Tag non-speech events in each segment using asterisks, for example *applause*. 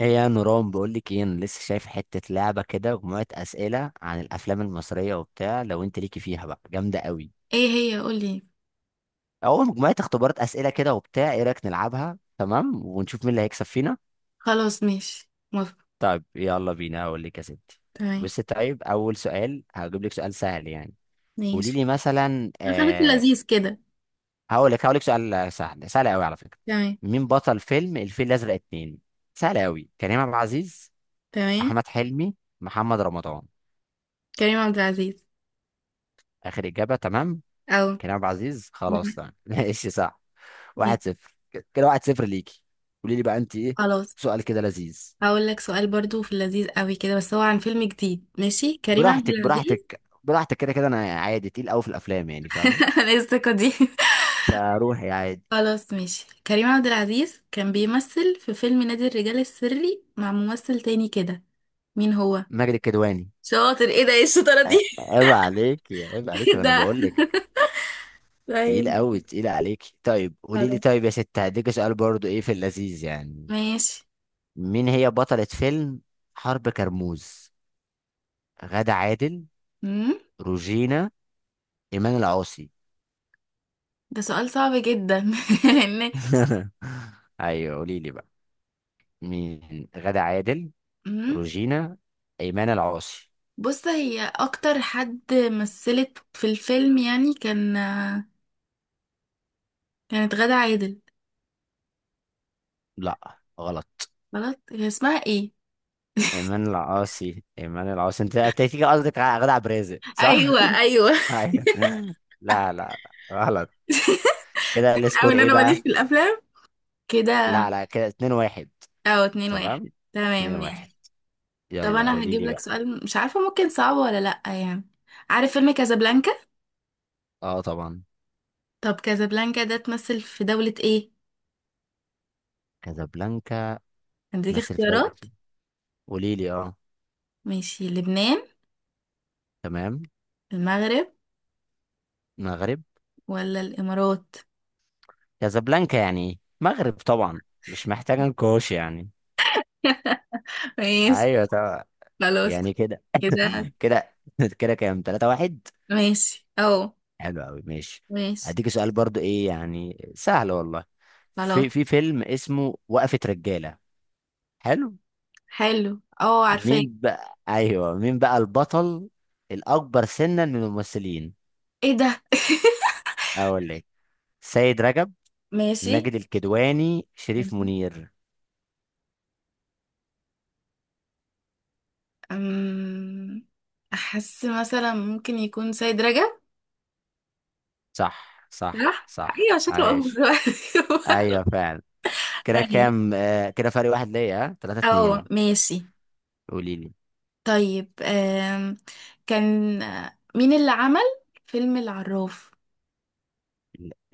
ايه يا نوران، بقول لك ايه، انا لسه شايف حته لعبه كده، مجموعه اسئله عن الافلام المصريه وبتاع، لو انت ليكي فيها بقى جامده قوي، ايه هي؟ قولي. او مجموعه اختبارات اسئله كده وبتاع. ايه رايك نلعبها؟ تمام، ونشوف مين اللي هيكسب فينا. خلاص، ماشي، موافقة. طيب يلا بينا، هقول لك يا ستي. تمام بصي، طيب اول سؤال هجيب لك سؤال سهل يعني. قولي ماشي. لي مثلا خليك في اللذيذ كده. هقول لك سؤال سهل، سهل قوي على فكره. تمام. مين بطل فيلم الفيل الازرق اتنين؟ سهل قوي. كريم عبد العزيز، تمام، احمد حلمي، محمد رمضان. كريم عبد العزيز. اخر اجابه. تمام، او. كريم عبد العزيز، خلاص مم. تمام. *laughs* ماشي صح، ماشي. واحد صفر. كده واحد صفر ليكي. قولي لي بقى انت ايه؟ خلاص، سؤال كده لذيذ. هقول لك سؤال برضو في اللذيذ قوي كده، بس هو عن فيلم جديد. ماشي كريم عبد براحتك العزيز. براحتك براحتك، كده كده انا عادي، تقيل قوي في الافلام يعني، فاهمه؟ *laughs* انا الثقة دي. فروحي عادي. خلاص ماشي. كريم عبد العزيز كان بيمثل في فيلم نادي الرجال السري مع ممثل تاني كده. مين هو؟ ماجد الكدواني. شاطر. ايه ده؟ ايه الشطارة دي؟ عيب عليك، عيب عليك، *laughs* انا ده بقول لك. تقيل طيب قوي، تقيل عليك. طيب قولي لي، خلاص طيب يا ست هديك سؤال برضو ايه في اللذيذ يعني. ماشي. مين هي بطلة فيلم حرب كرموز؟ غادة عادل، مم. روجينا، ايمان العاصي. ده سؤال صعب جدا. *laughs* لان. *laughs* ايوه قولي لي بقى. مين؟ غادة عادل، مم. روجينا، ايمان العاصي. بص، هي اكتر حد مثلت في الفيلم يعني، كان، كانت غادة عادل. لا غلط، غلط. هي اسمها ايه؟ ايمان العاصي ايمان العاصي. انت تيجي قصدك على غادة عبد الرازق، صح؟ ايوه، ايوه. *laughs* ايوه. لا لا لا غلط. كده *laughs* او، السكور ان ايه انا ماليش بقى؟ في الافلام كده. لا لا كده 2-1. او، اتنين واحد. تمام، تمام 2-1. ماشي. طب يلا انا قولي هجيب لي لك بقى. سؤال، مش عارفه ممكن صعب ولا لا يعني. عارف فيلم كازابلانكا؟ اه طبعا. طب كازابلانكا ده تمثل في دولة ايه؟ كازابلانكا هديك مثل في دوري اختيارات. ايه؟ قولي لي اه. ماشي، لبنان، تمام. المغرب، مغرب. ولا الامارات؟ كازابلانكا يعني ايه؟ مغرب طبعا، مش محتاجه نقاش يعني. *laughs* ماشي. ايوه طبعا، خلاص يعني كده. *laughs* كده. كده كده كام؟ 3-1. ماشي اه. حلو قوي ماشي. ماشي هديك سؤال برضو ايه يعني، سهل والله. خلاص. في فيلم اسمه وقفة رجالة. حلو. حلو، اه عارفاه. مين بقى، ايوه مين بقى البطل الاكبر سنا من الممثلين؟ ايه ده؟ اقول لك، سيد رجب، *laughs* ماشي. ماجد الكدواني، شريف مهم. منير. أم... احس مثلا ممكن يكون سيد رجب. صح صح صح. صح، ايوه شكله اكبر عايش. دلوقتي. ايوه فعلا. *laughs* كده أيوة. كام؟ كده فرق واحد ليا، ها 3 اه 2 ماشي. قولي لي. طيب كان مين اللي عمل فيلم العراف؟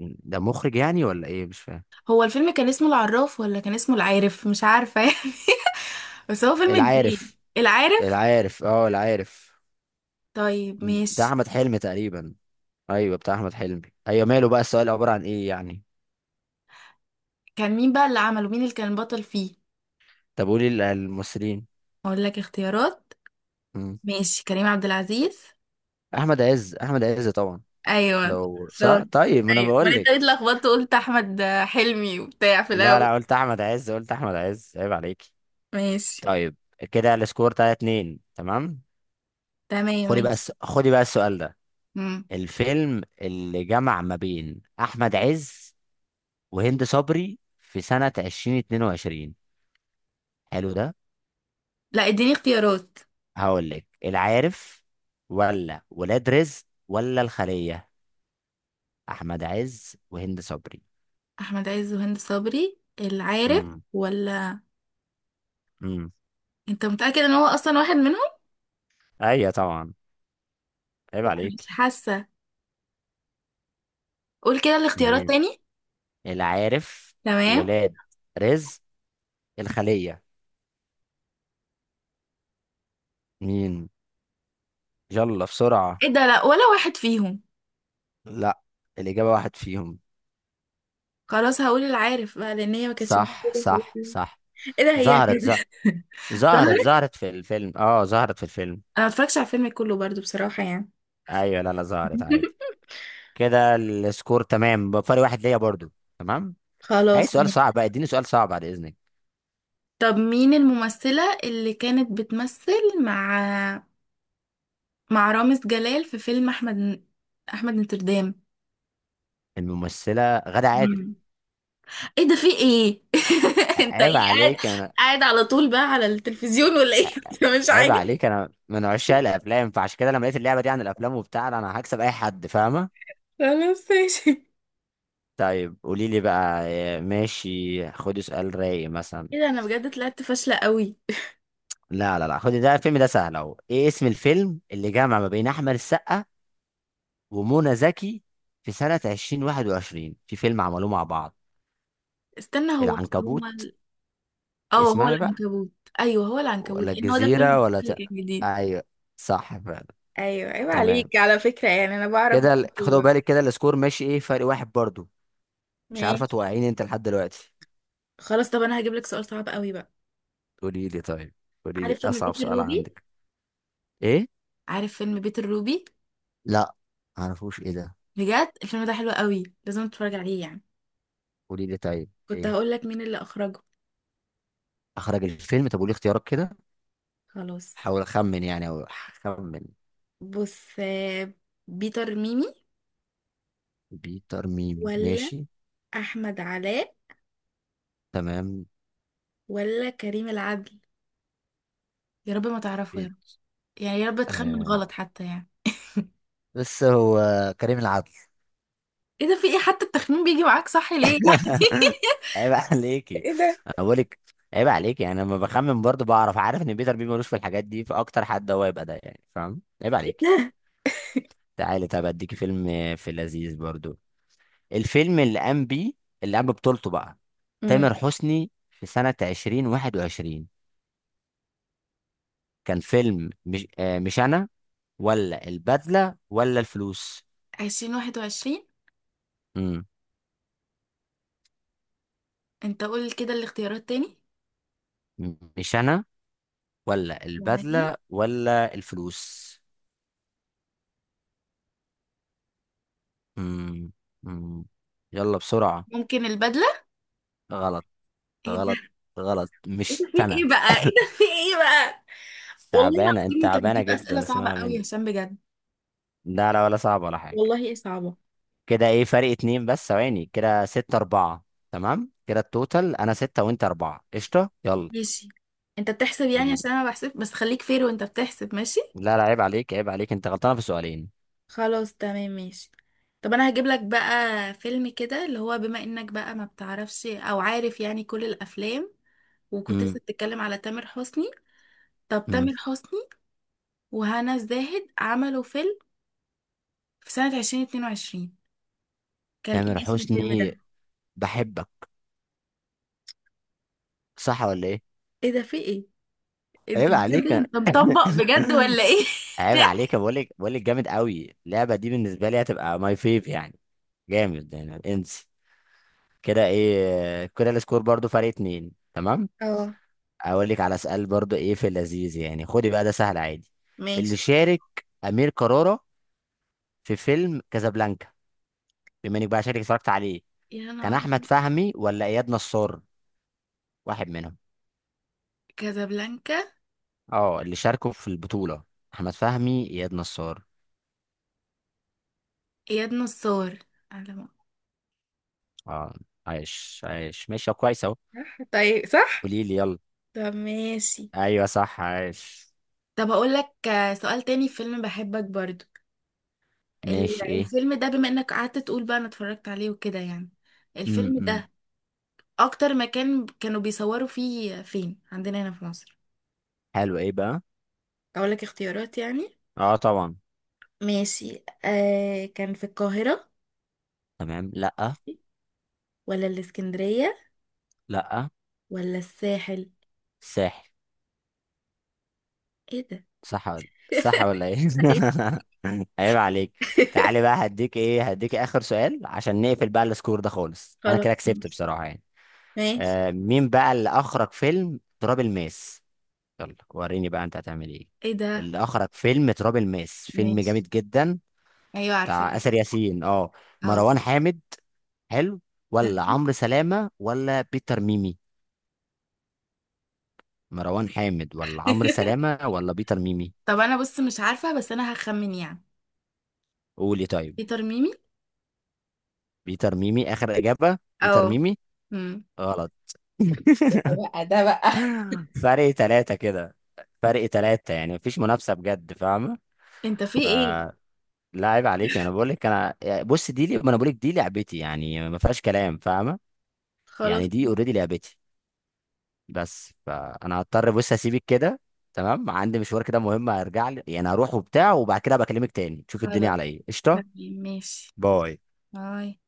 ده مخرج يعني ولا ايه؟ مش فاهم. هو الفيلم كان اسمه العراف ولا كان اسمه العارف، مش عارفة يعني. *laughs* بس هو فيلم جديد. العارف، العارف. العارف، اه العارف. طيب بتاع ماشي. احمد حلمي تقريبا. ايوه بتاع احمد حلمي. ايوه ماله بقى، السؤال عباره عن ايه يعني؟ كان مين بقى اللي عمله؟ مين اللي كان بطل فيه؟ طب قولي الممثلين. اقول لك اختيارات. مم. ماشي، كريم عبد العزيز. احمد عز، احمد عز طبعا. ايوه لو صح شاطر. طيب، ما انا ايوه ما بقول انت لك. ليه اتلخبطت وقلت احمد حلمي وبتاع في لا الاول؟ لا، قلت احمد عز، قلت احمد عز، عيب عليكي. ماشي. طيب، كده السكور 3-2 تمام. تمام خدي بقى ماشي. خدي بقى السؤال ده. مم. الفيلم اللي جمع ما بين احمد عز وهند صبري في سنه 2022، حلو ده. لا اديني اختيارات. هقول لك العارف، ولا ولاد رزق، ولا الخلية. أحمد عز وهند صبري. احمد عز وهند صبري، العارف امم. ولا؟ امم. انت متأكد ان هو اصلا واحد منهم؟ أيوة طبعا، عيب لا مش عليك. حاسه. قول كده الاختيارات مين؟ تاني. العارف، تمام. ولاد رزق، الخلية. مين؟ يلا بسرعة. ايه ده؟ لا ولا واحد فيهم. لا، الإجابة واحد فيهم. خلاص هقول العارف بقى، لان هي ما كانتش صح موجوده في صح الفيلم. صح. ايه ده؟ هي ظهرت ز... ظهرت، ظهرت؟ ظهرت في الفيلم، اه ظهرت في الفيلم. انا متفرجتش على الفيلم كله برضو بصراحة يعني. ايوه لا لا، ظهرت عادي. *laughs* كده السكور تمام بفرق واحد ليا برضو. تمام. عايز خلاص سؤال ماشي. صعب بقى، اديني سؤال صعب بعد اذنك. طب مين الممثلة اللي كانت بتمثل مع رامز جلال في فيلم احمد نوتردام؟ الممثله غادة عادل. مم. ايه ده، في ايه؟ *laughs* انت ايه عيب قاعد عليك انا، قاعد على طول بقى على التلفزيون ولا ايه؟ *laughs* انت مش عيب عاجب. عليك، انا من عشاق الافلام، فعشان كده لما لقيت اللعبه دي عن الافلام وبتاع، لا، انا هكسب اي حد، فاهمه. خلاص ماشي. طيب قولي لي بقى إيه، ماشي خدي سؤال رايق مثلا. ايه ده، انا بجد طلعت فاشلة قوي. لا لا لا، خدي ده الفيلم ده سهل اهو. ايه اسم الفيلم اللي جمع ما بين احمد السقا ومنى زكي في سنه 2021، في فيلم عملوه مع بعض؟ استنى، العنكبوت، اه هو اسمعي بقى، العنكبوت. ايوه هو العنكبوت، ولا لان هو ده الفيلم الجزيره ولا اللي كان جديد. ايوه، صح فعلا. ايوه ايوه، تمام، عليك على فكرة يعني، انا بعرف كده خدوا الكورة. بالك، كده السكور ماشي ايه، فرق واحد برضو. مش عارفه ماشي. توقعيني انت لحد دلوقتي. خلاص طب انا هجيب لك سؤال صعب قوي بقى. قولي لي طيب، قولي لي عارف فيلم اصعب بيت سؤال الروبي؟ عندك. ايه؟ عارف فيلم بيت الروبي؟ لا، معرفوش، ايه ده؟ بجد الفيلم ده حلو قوي، لازم تتفرج عليه يعني. قولي لي طيب كنت ايه. هقول لك مين اللي اخرجه. اخرج الفيلم؟ طب قولي اختيارات كده، خلاص حاول اخمن يعني، او اخمن. بص، بيتر ميمي، بيتر ميمي، ولا ماشي. احمد علاء، تمام. ولا كريم العدل؟ يا رب ما تعرفه يا رب، بيت يعني يا رب تخمن آه. غلط حتى يعني. بس هو كريم العدل. ايه ده، في ايه؟ حتى التخمين بيجي معاك صح ليه يعني؟ *laughs* عيب *laughs* عليكي، ايه ده. انا بقولك، عيب عليكي، يعني لما بخمن برضو بعرف، عارف ان بيتر بيبي ملوش في الحاجات دي، فاكتر حد هو يبقى ده يعني، فاهم؟ عيب عليكي. *laughs* تعالي، طب اديكي فيلم في لذيذ برضو. الفيلم اللي قام بيه، اللي قام ببطولته بقى امم. تامر حسني في سنة 2021، كان فيلم مش مش انا، ولا البدلة، ولا الفلوس. 2021؟ امم. انت قول كده الاختيارات تاني. مش انا، ولا معايا. البدلة، ولا الفلوس. امم. امم. يلا بسرعة. ممكن البدلة. غلط. ايه غلط. ده؟ غلط، ايه ده مش في ايه انا. بقى؟ ايه *coughs* ده في ايه بقى؟ والله تعبانة انت، العظيم انت تعبانة بتجيب اسئلة جدا، صعبة اسمع قوي يا مني. هشام بجد. لا لا، ولا صعب ولا حاجة. والله ايه، صعبة. كده ايه، فرق اتنين بس، ثواني، كده ستة أربعة. تمام، كده التوتال أنا ستة وأنت أربعة، قشطة يلا. ماشي. انت بتحسب يعني؟ قوليلي. عشان انا بحسب، بس خليك فير وانت بتحسب. ماشي. لا لا، عيب عليك، عيب عليك، أنت غلطانة في سؤالين. خلاص تمام ماشي. طب انا هجيب لك بقى فيلم كده اللي هو، بما انك بقى ما بتعرفش او عارف يعني كل الافلام، وكنت امم. لسه بتتكلم على تامر حسني. طب امم. تامر حسني وهنا الزاهد عملوا فيلم في سنة 2022، كان تامر ايه اسم الفيلم حسني، ده؟ بحبك، صح ولا إيه؟ ايه ده في ايه؟ انت *laughs* عيب بجد عليك أنا. انت مطبق *clears throat* بجد *laughs* ولا ايه؟ عيب عليك، *laughs* بقول لك جامد قوي اللعبة دي، بالنسبة لي هتبقى ماي فيف يعني. جامد يعني، انسي. كده ايه، كده السكور برضو فرق اتنين تمام. اه اقول لك على سؤال برضو ايه في اللذيذ يعني، خدي بقى ده سهل عادي. ماشي. اللي شارك امير كرارة في فيلم كازابلانكا، بما انك بقى شارك اتفرجت عليه، يا كان نهار. احمد فهمي ولا اياد نصار؟ واحد منهم. كازابلانكا. اه، اللي شاركوا في البطولة، احمد فهمي، اياد نصار. اياد نصار. على ما- اه، عايش عايش، ماشي كويس اهو. صح طيب صح. قولي لي يلا. طب ماشي. ايوه صح، عايش. طب اقول لك سؤال تاني في فيلم بحبك برضو. ماشي ايه. الفيلم ده، بما انك قعدت تقول بقى انا اتفرجت عليه وكده يعني، الفيلم امم. ده اكتر مكان كانوا بيصوروا فيه فين عندنا هنا في مصر؟ حلو ايه بقى. اقول لك اختيارات يعني. اه طبعا. ماشي، آه كان في القاهرة، تمام. لا. ولا الإسكندرية، لا. ولا الساحل؟ ساحل. ايه ده. صح ولا، *laughs* صح ولا ايه؟ أيوة. *laughs* عيب عليك. تعالي بقى هديك ايه، هديك اخر سؤال عشان نقفل بقى السكور ده خالص، انا خلاص كده كسبت ماشي. بصراحة يعني. ماشي. مين بقى اللي اخرج فيلم تراب الماس؟ يلا وريني بقى انت هتعمل ايه. ايه ده. اللي اخرج فيلم تراب الماس، فيلم ماشي. جامد جدا، ايوه بتاع عارفة. آسر ياسين، اه. اه مروان حامد. حلو. ولا فاهمة. عمرو سلامة ولا بيتر ميمي. مروان حامد ولا عمرو *laughs* سلامة ولا بيتر ميمي. طب انا بص، مش عارفة بس انا هخمن يعني. قولي طيب. بيتر ميمي. بيتر ميمي. اخر اجابة، بيتر اه. ميمي؟ امم. غلط. *laughs* ايه ده بقى، ده بقى. فرق ثلاثة كده، فرق ثلاثة، يعني مفيش منافسة بجد فاهمة. انت في ايه؟ فلا، عيب عليك، انا بقول لك انا يعني، بص دي ما انا بقول لك دي لعبتي يعني، ما فيهاش كلام، فاهمة؟ خلاص. يعني دي اوريدي لعبتي. بس فانا هضطر بص اسيبك كده، تمام؟ عندي مشوار كده مهم، هرجع لي يعني، هروح وبتاع وبعد كده بكلمك تاني، تشوف الدنيا خلاص على ايه، قشطة؟ تمام، ماشي. باي. باي.